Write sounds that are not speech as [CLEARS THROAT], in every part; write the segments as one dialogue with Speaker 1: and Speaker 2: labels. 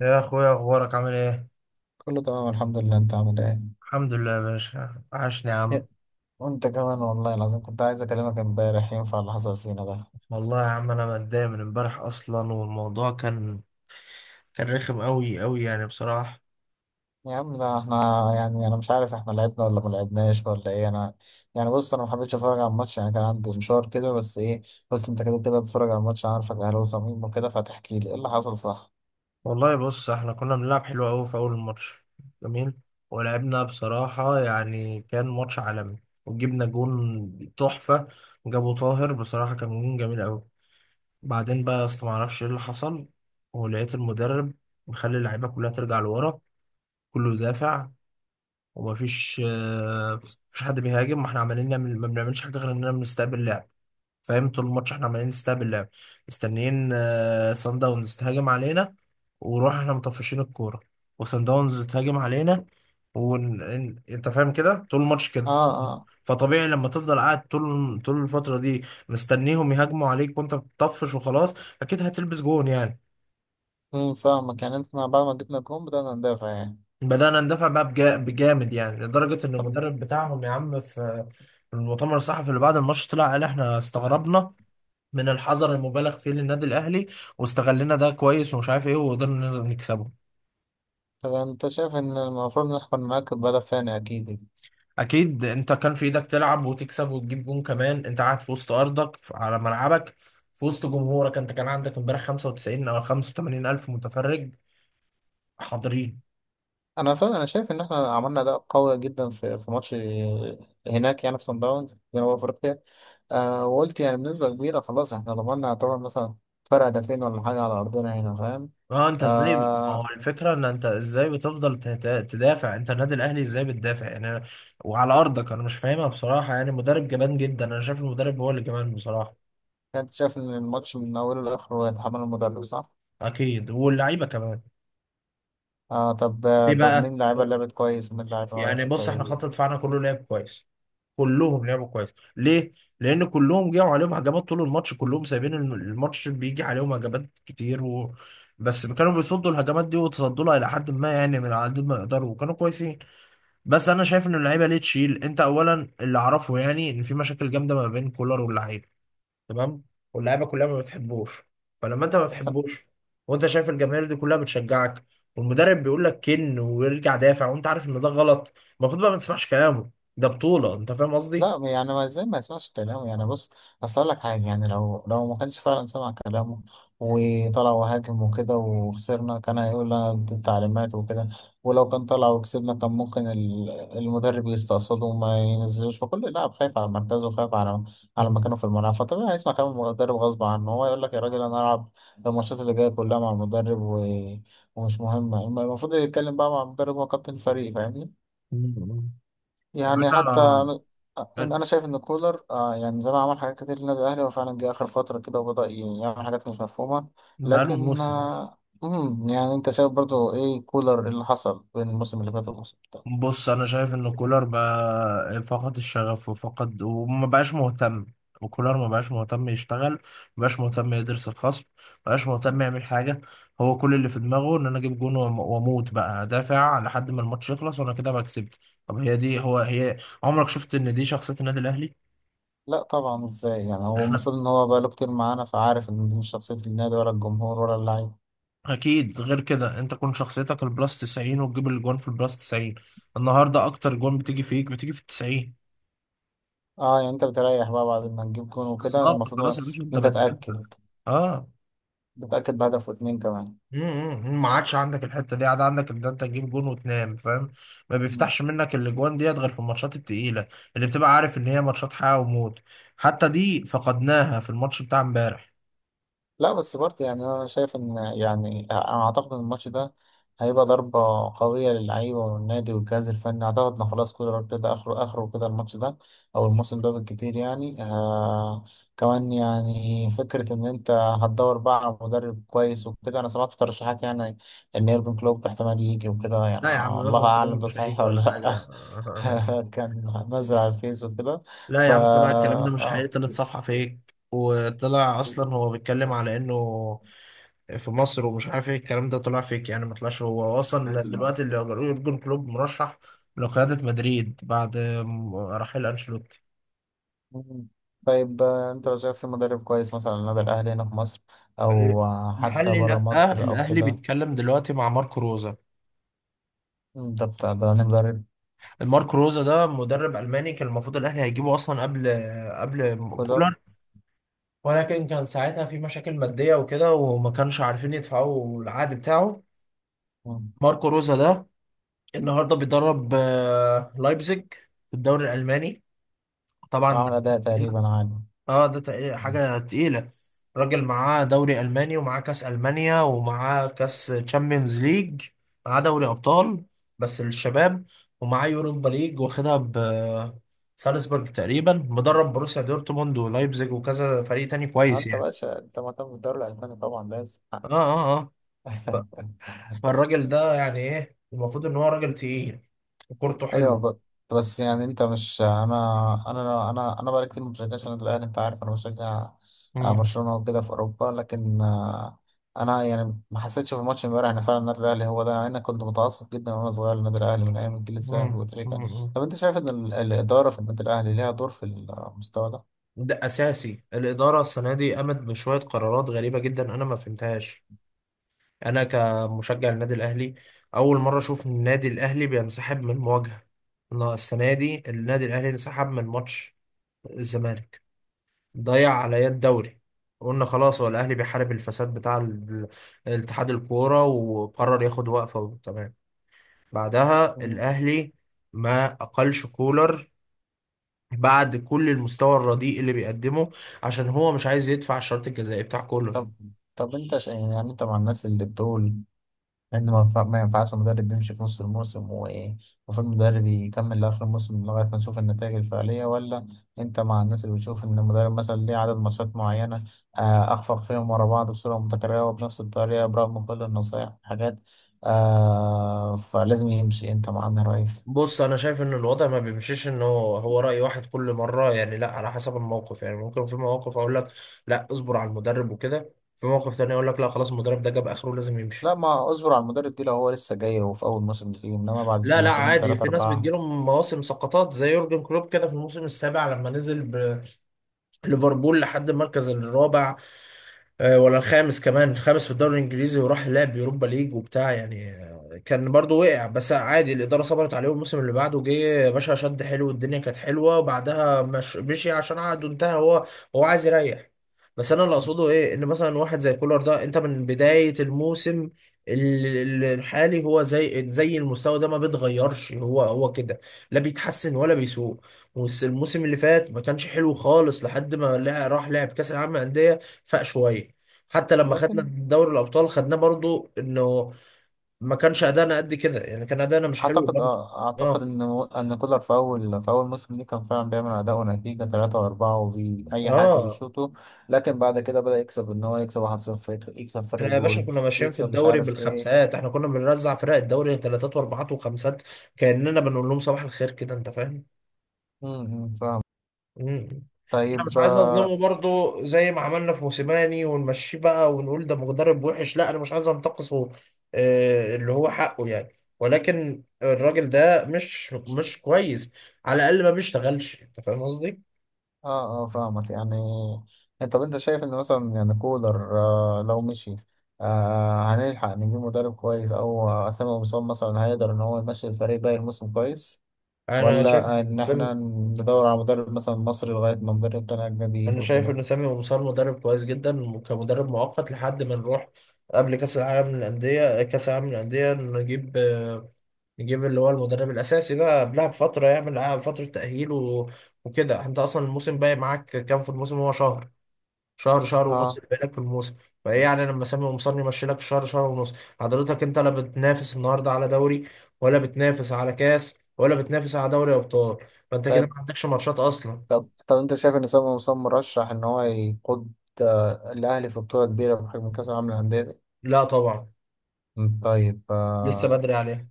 Speaker 1: يا اخويا، اخبارك عامل ايه؟
Speaker 2: كله تمام، الحمد لله. انت عامل ايه؟
Speaker 1: الحمد لله يا باشا، عاشني يا عم.
Speaker 2: إيه، وانت كمان. والله العظيم كنت عايز اكلمك امبارح. ينفع اللي حصل فينا ده؟
Speaker 1: والله يا عم انا متضايق من امبارح اصلا، والموضوع كان رخم قوي قوي يعني بصراحه.
Speaker 2: يا عم ده احنا، يعني انا مش عارف احنا لعبنا ولا ما لعبناش ولا ايه. انا يعني بص، انا ما حبيتش اتفرج على الماتش، يعني كان عندي مشوار كده. بس ايه، قلت انت كده كده تتفرج على الماتش، انا عارفك اهلاوي صميم وكده، فتحكي لي ايه اللي حصل، صح؟
Speaker 1: والله بص، احنا كنا بنلعب حلو قوي في اول الماتش، جميل. ولعبنا بصراحه، يعني كان ماتش عالمي، وجبنا جون تحفه، جابه طاهر. بصراحه كان جون جميل قوي. بعدين بقى يا اسطى معرفش ايه اللي حصل، ولقيت المدرب مخلي اللعيبه كلها ترجع لورا، كله يدافع ومفيش مفيش حد بيهاجم. ما احنا عمالين نعمل، ما بنعملش حاجه غير اننا بنستقبل اللعب. فاهم؟ طول الماتش احنا عمالين نستقبل اللعب، مستنيين سان داونز تهاجم علينا، ونروح احنا مطفشين الكوره، وسان داونز تهاجم علينا، انت فاهم كده طول الماتش كده.
Speaker 2: اه، اه.
Speaker 1: فطبيعي لما تفضل قاعد طول الفتره دي مستنيهم يهاجموا عليك وانت بتطفش وخلاص، اكيد هتلبس جون يعني.
Speaker 2: فاهمك. يعني انت بعد ما جبنا جون بدأنا ندافع يعني؟
Speaker 1: بدأنا ندافع بقى بجامد، يعني لدرجة إن
Speaker 2: طب
Speaker 1: المدرب بتاعهم يا عم في المؤتمر الصحفي اللي بعد الماتش طلع قال إحنا استغربنا من الحذر المبالغ فيه للنادي الأهلي، واستغلنا ده كويس، ومش عارف إيه، وقدرنا نقدر نكسبه.
Speaker 2: طب انت شايف ان المفروض نحكم معاك بهدف ثاني، اكيد.
Speaker 1: أكيد أنت كان في إيدك تلعب وتكسب وتجيب جون كمان، أنت قاعد في وسط أرضك على ملعبك، في وسط جمهورك. أنت كان عندك إمبارح 95 أو 85 ألف متفرج حاضرين.
Speaker 2: انا شايف ان احنا عملنا اداء قوي جدا في في ماتش هناك، يعني في صن داونز جنوب افريقيا. آه، وقلت يعني بنسبه كبيره خلاص احنا ضمننا، يعتبر مثلا فرق هدفين ولا حاجه على ارضنا هنا، فاهم؟
Speaker 1: اه، انت ازاي؟ ما هو
Speaker 2: آه،
Speaker 1: الفكره ان انت ازاي بتفضل تدافع؟ انت النادي الاهلي ازاي بتدافع يعني؟ وعلى ارضك انا مش فاهمها بصراحه، يعني مدرب جبان جدا. انا شايف المدرب هو اللي جبان بصراحه.
Speaker 2: كنت شايف ان الماتش من اوله لاخره يتحمل المدرب، صح؟
Speaker 1: اكيد، واللعيبه كمان. ليه
Speaker 2: طب
Speaker 1: بقى؟
Speaker 2: مين لعيبه لعبت كويس ومين لعيبه ما
Speaker 1: يعني
Speaker 2: لعبتش
Speaker 1: بص، احنا خط
Speaker 2: كويس؟
Speaker 1: دفاعنا كله لعب كويس، كلهم لعبوا كويس. ليه؟ لان كلهم جاوا عليهم هجمات طول الماتش، كلهم سايبين الماتش بيجي عليهم هجمات كتير، و... بس كانوا بيصدوا الهجمات دي، وتصدوا لها الى حد ما، يعني من على قد ما يقدروا، وكانوا كويسين. بس انا شايف ان اللعيبه ليه تشيل؟ انت اولا اللي اعرفه يعني ان في مشاكل جامده ما بين كولر واللعيبه، تمام؟ واللعيبه كلها ما بتحبوش، فلما انت ما
Speaker 2: بس.
Speaker 1: بتحبوش، وانت شايف الجماهير دي كلها بتشجعك، والمدرب بيقول لك كن ويرجع دافع، وانت عارف ان ده غلط، المفروض بقى ما تسمعش كلامه. ده بطوله. انت فاهم قصدي؟
Speaker 2: لا، يعني ما ازاي ما يسمعش كلامه؟ يعني بص، اصل اقول لك حاجه، يعني لو ما كانش فعلا سمع كلامه وطلع وهاجم وكده وخسرنا، كان هيقول لنا دي التعليمات وكده. ولو كان طلع وكسبنا، كان ممكن المدرب يستقصده وما ينزلوش. فكل لاعب خايف على مركزه وخايف على
Speaker 1: [LAUGHS]
Speaker 2: على مكانه
Speaker 1: مم.
Speaker 2: في الملعب، فطبيعي هيسمع كلام المدرب غصب عنه. هو يقول لك يا راجل انا العب الماتشات اللي جايه كلها مع المدرب و... ومش مهمه. المفروض يتكلم بقى مع المدرب، هو كابتن الفريق، فاهمني؟
Speaker 1: مم. يا
Speaker 2: يعني حتى
Speaker 1: باشا.
Speaker 2: أنا، أنا شايف إن كولر يعني زي ما عمل حاجات كتير للنادي الأهلي، هو فعلا جه آخر فترة كده وبدأ يعمل حاجات مش مفهومة.
Speaker 1: بقاله
Speaker 2: لكن
Speaker 1: موسم.
Speaker 2: يعني أنت شايف برضو إيه كولر، اللي حصل بين الموسم اللي فات والموسم ده؟
Speaker 1: بص، انا شايف ان كولر بقى فقد الشغف وفقد، وما بقاش مهتم. وكولر ما بقاش مهتم يشتغل، ما بقاش مهتم يدرس الخصم، ما بقاش مهتم يعمل حاجه. هو كل اللي في دماغه ان انا اجيب جون واموت بقى دافع لحد ما الماتش يخلص، وانا كده بقى كسبت. طب هي دي هي. عمرك شفت ان دي شخصيه النادي الاهلي؟
Speaker 2: لا طبعا، إزاي يعني؟ هو
Speaker 1: احنا
Speaker 2: المفروض إن هو بقاله كتير معانا، فعارف إن دي مش شخصية النادي ولا الجمهور ولا اللعيب.
Speaker 1: اكيد غير كده. انت كون شخصيتك البلاس 90، وتجيب الجون في البلاس 90. النهارده اكتر جون بتيجي فيك بتيجي في ال 90.
Speaker 2: أه، يعني أنت بتريح بقى بعد ما تجيب جون وكده.
Speaker 1: بالظبط،
Speaker 2: المفروض
Speaker 1: خلاص يا باشا.
Speaker 2: إن
Speaker 1: انت
Speaker 2: أنت
Speaker 1: بت- انت
Speaker 2: تأكد،
Speaker 1: اه.
Speaker 2: بتأكد بهدف واتنين كمان.
Speaker 1: امم، ما عادش عندك الحته دي، عاد عندك ان انت تجيب جون وتنام. فاهم؟ ما بيفتحش منك الاجوان ديت غير في الماتشات التقيله، اللي بتبقى عارف ان هي ماتشات حياه وموت، حتى دي فقدناها في الماتش بتاع امبارح.
Speaker 2: لا بس برضه، يعني انا شايف ان، يعني انا اعتقد ان الماتش ده هيبقى ضربة قوية للعيبة والنادي والجهاز الفني. اعتقد ان خلاص كولر كده اخره، اخره كده الماتش ده او الموسم ده بالكتير. يعني كمان، يعني فكرة ان انت هتدور بقى على مدرب كويس وكده. انا سمعت ترشيحات يعني ان يورجن كلوب احتمال يجي وكده يعني.
Speaker 1: لا يا عم،
Speaker 2: الله
Speaker 1: يورجن
Speaker 2: اعلم
Speaker 1: كلوب
Speaker 2: ده
Speaker 1: مش
Speaker 2: صحيح
Speaker 1: هيجي
Speaker 2: ولا
Speaker 1: ولا
Speaker 2: لا؟
Speaker 1: حاجه. [LAUGHS]
Speaker 2: [LAUGHS] كان نزل على الفيس وكده.
Speaker 1: لا
Speaker 2: ف
Speaker 1: يا عم، طلع الكلام ده مش حقيقي، طلعت صفحه فيك، وطلع اصلا هو بيتكلم على انه في مصر، ومش عارف ايه الكلام ده طلع فيك يعني. ما طلعش هو اصلا
Speaker 2: آه.
Speaker 1: دلوقتي اللي يورجن كلوب مرشح لقياده مدريد بعد رحيل انشيلوتي.
Speaker 2: مم. طيب انت لو شايف في مدرب كويس مثلا على النادي الاهلي هنا في مصر، او حتى
Speaker 1: محلي،
Speaker 2: بره
Speaker 1: لا،
Speaker 2: مصر او
Speaker 1: الاهلي
Speaker 2: كده؟
Speaker 1: بيتكلم دلوقتي مع ماركو روزا.
Speaker 2: مم، ده بتاع ده أنا مدرب
Speaker 1: الماركو روزا ده مدرب الماني، كان المفروض الاهلي هيجيبه اصلا قبل
Speaker 2: كولر.
Speaker 1: كولر، ولكن كان ساعتها في مشاكل ماديه وكده، وما كانش عارفين يدفعوا العقد بتاعه.
Speaker 2: مم.
Speaker 1: ماركو روزا ده النهارده بيدرب لايبزيج في الدوري الالماني طبعا.
Speaker 2: وعمل اداء تقريبا عالي.
Speaker 1: اه ده
Speaker 2: مم.
Speaker 1: حاجة تقيلة. راجل معاه دوري ألماني، ومعاه كأس ألمانيا، ومعاه كأس تشامبيونز ليج، معاه دوري أبطال بس للشباب، ومعاه يوروبا ليج واخدها ب سالزبورج تقريبا. مدرب بروسيا دورتموند ولايبزيج وكذا فريق تاني كويس
Speaker 2: انت
Speaker 1: يعني.
Speaker 2: باشا انت مهتم بالدوري الالماني طبعا، لازم.
Speaker 1: اه اه اه ف-
Speaker 2: [LAUGHS]
Speaker 1: فالراجل ده يعني ايه، المفروض ان هو راجل تقيل وكورته
Speaker 2: ايوه
Speaker 1: حلو.
Speaker 2: ب- بس يعني انت مش، انا بقالي كتير ما بشجعش النادي الاهلي. انت عارف انا بشجع
Speaker 1: مم.
Speaker 2: برشلونه وكده في اوروبا. لكن انا يعني ما حسيتش في الماتش امبارح ان فعلا النادي الاهلي هو ده. يعني انا كنت متعصب جدا وانا صغير للنادي الاهلي من ايام الجيل الذهبي
Speaker 1: مم.
Speaker 2: وتريكا.
Speaker 1: مم.
Speaker 2: طب انت شايف ان الاداره في النادي الاهلي ليها دور في المستوى ده؟
Speaker 1: ده أساسي. الإدارة السنة دي قامت بشوية قرارات غريبة جدا أنا ما فهمتهاش. انا كمشجع النادي الاهلي اول مره اشوف إن النادي الاهلي بينسحب من مواجهه. السنه دي النادي الاهلي انسحب من ماتش الزمالك، ضيع عليا الدوري. قلنا خلاص، هو الاهلي بيحارب الفساد بتاع الاتحاد الكوره، وقرر ياخد وقفه، تمام. بعدها
Speaker 2: مم.
Speaker 1: الاهلي ما اقلش كولر بعد كل المستوى الرديء اللي بيقدمه، عشان هو مش عايز يدفع الشرط الجزائي بتاع كولر.
Speaker 2: طب طب يعني انت مع الناس اللي بتقول لأن ما ينفعش المدرب بيمشي في نص الموسم، ومفروض المدرب يكمل لآخر الموسم لغاية ما نشوف النتائج الفعلية؟ ولا أنت مع الناس اللي بتشوف إن المدرب مثلا ليه عدد ماتشات معينة أخفق فيهم ورا بعض بصورة متكررة وبنفس الطريقة برغم كل النصايح والحاجات، فلازم يمشي؟ أنت مع أنهي رأي؟
Speaker 1: بص، انا شايف ان الوضع ما بيمشيش ان هو راي واحد كل مره، يعني لا، على حسب الموقف. يعني ممكن في مواقف اقول لك لا اصبر على المدرب وكده، في موقف تاني اقول لك لا خلاص المدرب ده جاب اخره لازم يمشي.
Speaker 2: لا، ما أصبر على المدرب دي لو هو لسه جاي وفي أول موسم فيه، إنما بعد
Speaker 1: لا
Speaker 2: موسمين
Speaker 1: عادي،
Speaker 2: تلاتة
Speaker 1: في ناس
Speaker 2: أربعة.
Speaker 1: بتجيلهم مواسم سقطات زي يورجن كلوب كده في الموسم السابع، لما نزل بليفربول لحد المركز الرابع، ولا الخامس، كمان الخامس في الدوري الانجليزي، وراح لعب يوروبا ليج وبتاع يعني. كان برضو وقع بس عادي، الاداره صبرت عليه، والموسم اللي بعده جه يا باشا شد حلو، والدنيا كانت حلوه، وبعدها مش مشي عشان عقده انتهى. هو هو عايز يريح. بس انا اللي اقصده ايه، ان مثلا واحد زي كولر ده انت من بدايه الموسم الحالي، هو زي المستوى ده ما بيتغيرش، هو هو كده، لا بيتحسن ولا بيسوء. والموسم اللي فات ما كانش حلو خالص لحد ما راح لعب كاس العالم للانديه، فاق شويه. حتى لما خدنا
Speaker 2: لكن
Speaker 1: دوري الابطال خدناه برضو انه ما كانش ادانا قد كده، يعني كان ادانا مش حلو
Speaker 2: اعتقد،
Speaker 1: برضو.
Speaker 2: اعتقد
Speaker 1: اه
Speaker 2: ان كولر في اول، موسم ليه كان فعلا بيعمل اداء ونتيجه 3 و4 وبي اي حد
Speaker 1: اه
Speaker 2: بيشوطه. لكن بعد كده بدأ يكسب، ان هو يكسب 1-0، يكسب فرق
Speaker 1: احنا يا باشا
Speaker 2: جول،
Speaker 1: كنا ماشيين في
Speaker 2: يكسب مش
Speaker 1: الدوري
Speaker 2: عارف ايه.
Speaker 1: بالخمسات، احنا كنا بنرزع فرق الدوري ثلاثات واربعات وخمسات، كاننا بنقول لهم صباح الخير كده. انت فاهم؟
Speaker 2: إمم، فاهم.
Speaker 1: مم. انا مش
Speaker 2: طيب
Speaker 1: عايز
Speaker 2: اه،
Speaker 1: اظلمه برضو، زي ما عملنا في موسيماني ونمشيه بقى ونقول ده مدرب وحش، لا انا مش عايز انتقصه اللي هو حقه يعني. ولكن الراجل ده مش كويس، على الاقل ما بيشتغلش. انت فاهم قصدي؟
Speaker 2: اه، آه، فاهمك. يعني انت، طب انت شايف ان مثلا يعني كولر لو مشي، هنلحق نجيب مدرب كويس؟ او اسامه مصاب مثلا هيقدر ان هو يمشي الفريق باقي الموسم كويس؟
Speaker 1: انا شايف
Speaker 2: ولا إن
Speaker 1: إن سامي،
Speaker 2: إحنا ندور على مدرب مثلا مصري لغاية ما مدرب تاني أجنبي يجي
Speaker 1: انا شايف
Speaker 2: وكده؟
Speaker 1: ان سامي مصار مدرب كويس جدا كمدرب مؤقت لحد ما نروح قبل كاس العالم للانديه. كاس العالم للانديه نجيب نجيب اللي هو المدرب الأساسي بقى قبلها بفترة، يعمل قبلها فترة تأهيل و... وكده. أنت أصلا الموسم باقي معاك كام في الموسم؟ هو شهر، شهر ونص
Speaker 2: اه.
Speaker 1: اللي باقي لك في الموسم. فإيه يعني لما سامي قمصان يمشي لك شهر، شهر ونص؟ حضرتك أنت لا بتنافس النهاردة على دوري، ولا بتنافس على كاس، ولا بتنافس على دوري أبطال، فأنت كده
Speaker 2: طيب
Speaker 1: ما عندكش ماتشات أصلا.
Speaker 2: طب أنت شايف إن سامي مسلم مرشح إن هو يقود الأهلي في بطولة كبيرة بحجم كأس العالم للأندية دي؟
Speaker 1: لا طبعا.
Speaker 2: مم، طيب
Speaker 1: لسه بدري عليه.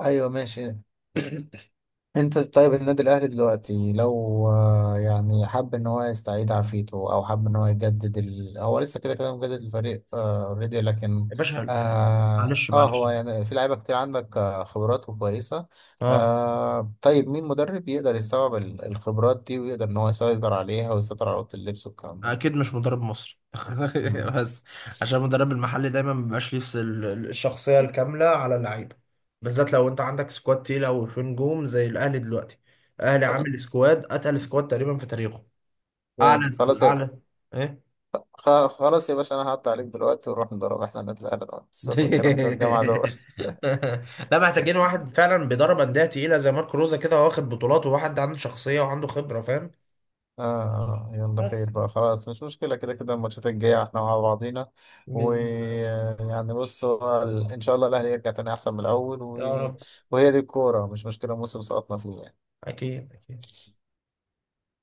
Speaker 2: أيوه ماشي. [CLEARS THROAT] انت طيب النادي الاهلي دلوقتي لو يعني حب ان هو يستعيد عافيته او حب ان هو يجدد ال... هو لسه كده كده مجدد الفريق اوريدي. لكن
Speaker 1: يا باشا، معلش معلش،
Speaker 2: هو يعني في لعيبه كتير عندك، خبرات وكويسه.
Speaker 1: اه.
Speaker 2: طيب مين مدرب يقدر يستوعب الخبرات دي ويقدر ان هو يسيطر عليها ويسيطر على اوضه اللبس والكلام ده؟
Speaker 1: اكيد مش مدرب مصري [LAUGHS]
Speaker 2: مم.
Speaker 1: بس، عشان المدرب المحلي دايما ما بيبقاش ليه الشخصيه الكامله على اللعيبه، بالذات لو انت عندك سكواد تقيله وفي نجوم زي الاهلي دلوقتي. الاهلي عامل سكواد اتقل سكواد تقريبا في تاريخه. اعلى
Speaker 2: جامد.
Speaker 1: اعلى ايه.
Speaker 2: خلاص يا باشا، انا هقطع عليك دلوقتي ونروح نضرب احنا النادي الاهلي دلوقتي. سيبك من الكلام ده، الجامعه
Speaker 1: [LAUGHS]
Speaker 2: دول.
Speaker 1: لا، محتاجين واحد فعلا بيدرب انديه تقيله زي ماركو روزا كده، واخد بطولات، وواحد عنده شخصيه وعنده خبره. فاهم؟
Speaker 2: آه، آه، يلا
Speaker 1: بس،
Speaker 2: خير بقى، خلاص مش مشكلة. كده كده الماتشات الجاية احنا مع بعضينا.
Speaker 1: بإذن الله.
Speaker 2: ويعني بص، هو إن شاء الله الأهلي يرجع تاني أحسن من الأول و...
Speaker 1: يا رب.
Speaker 2: وهي دي الكورة، مش مشكلة موسم سقطنا فيه.
Speaker 1: اكيد أكيد.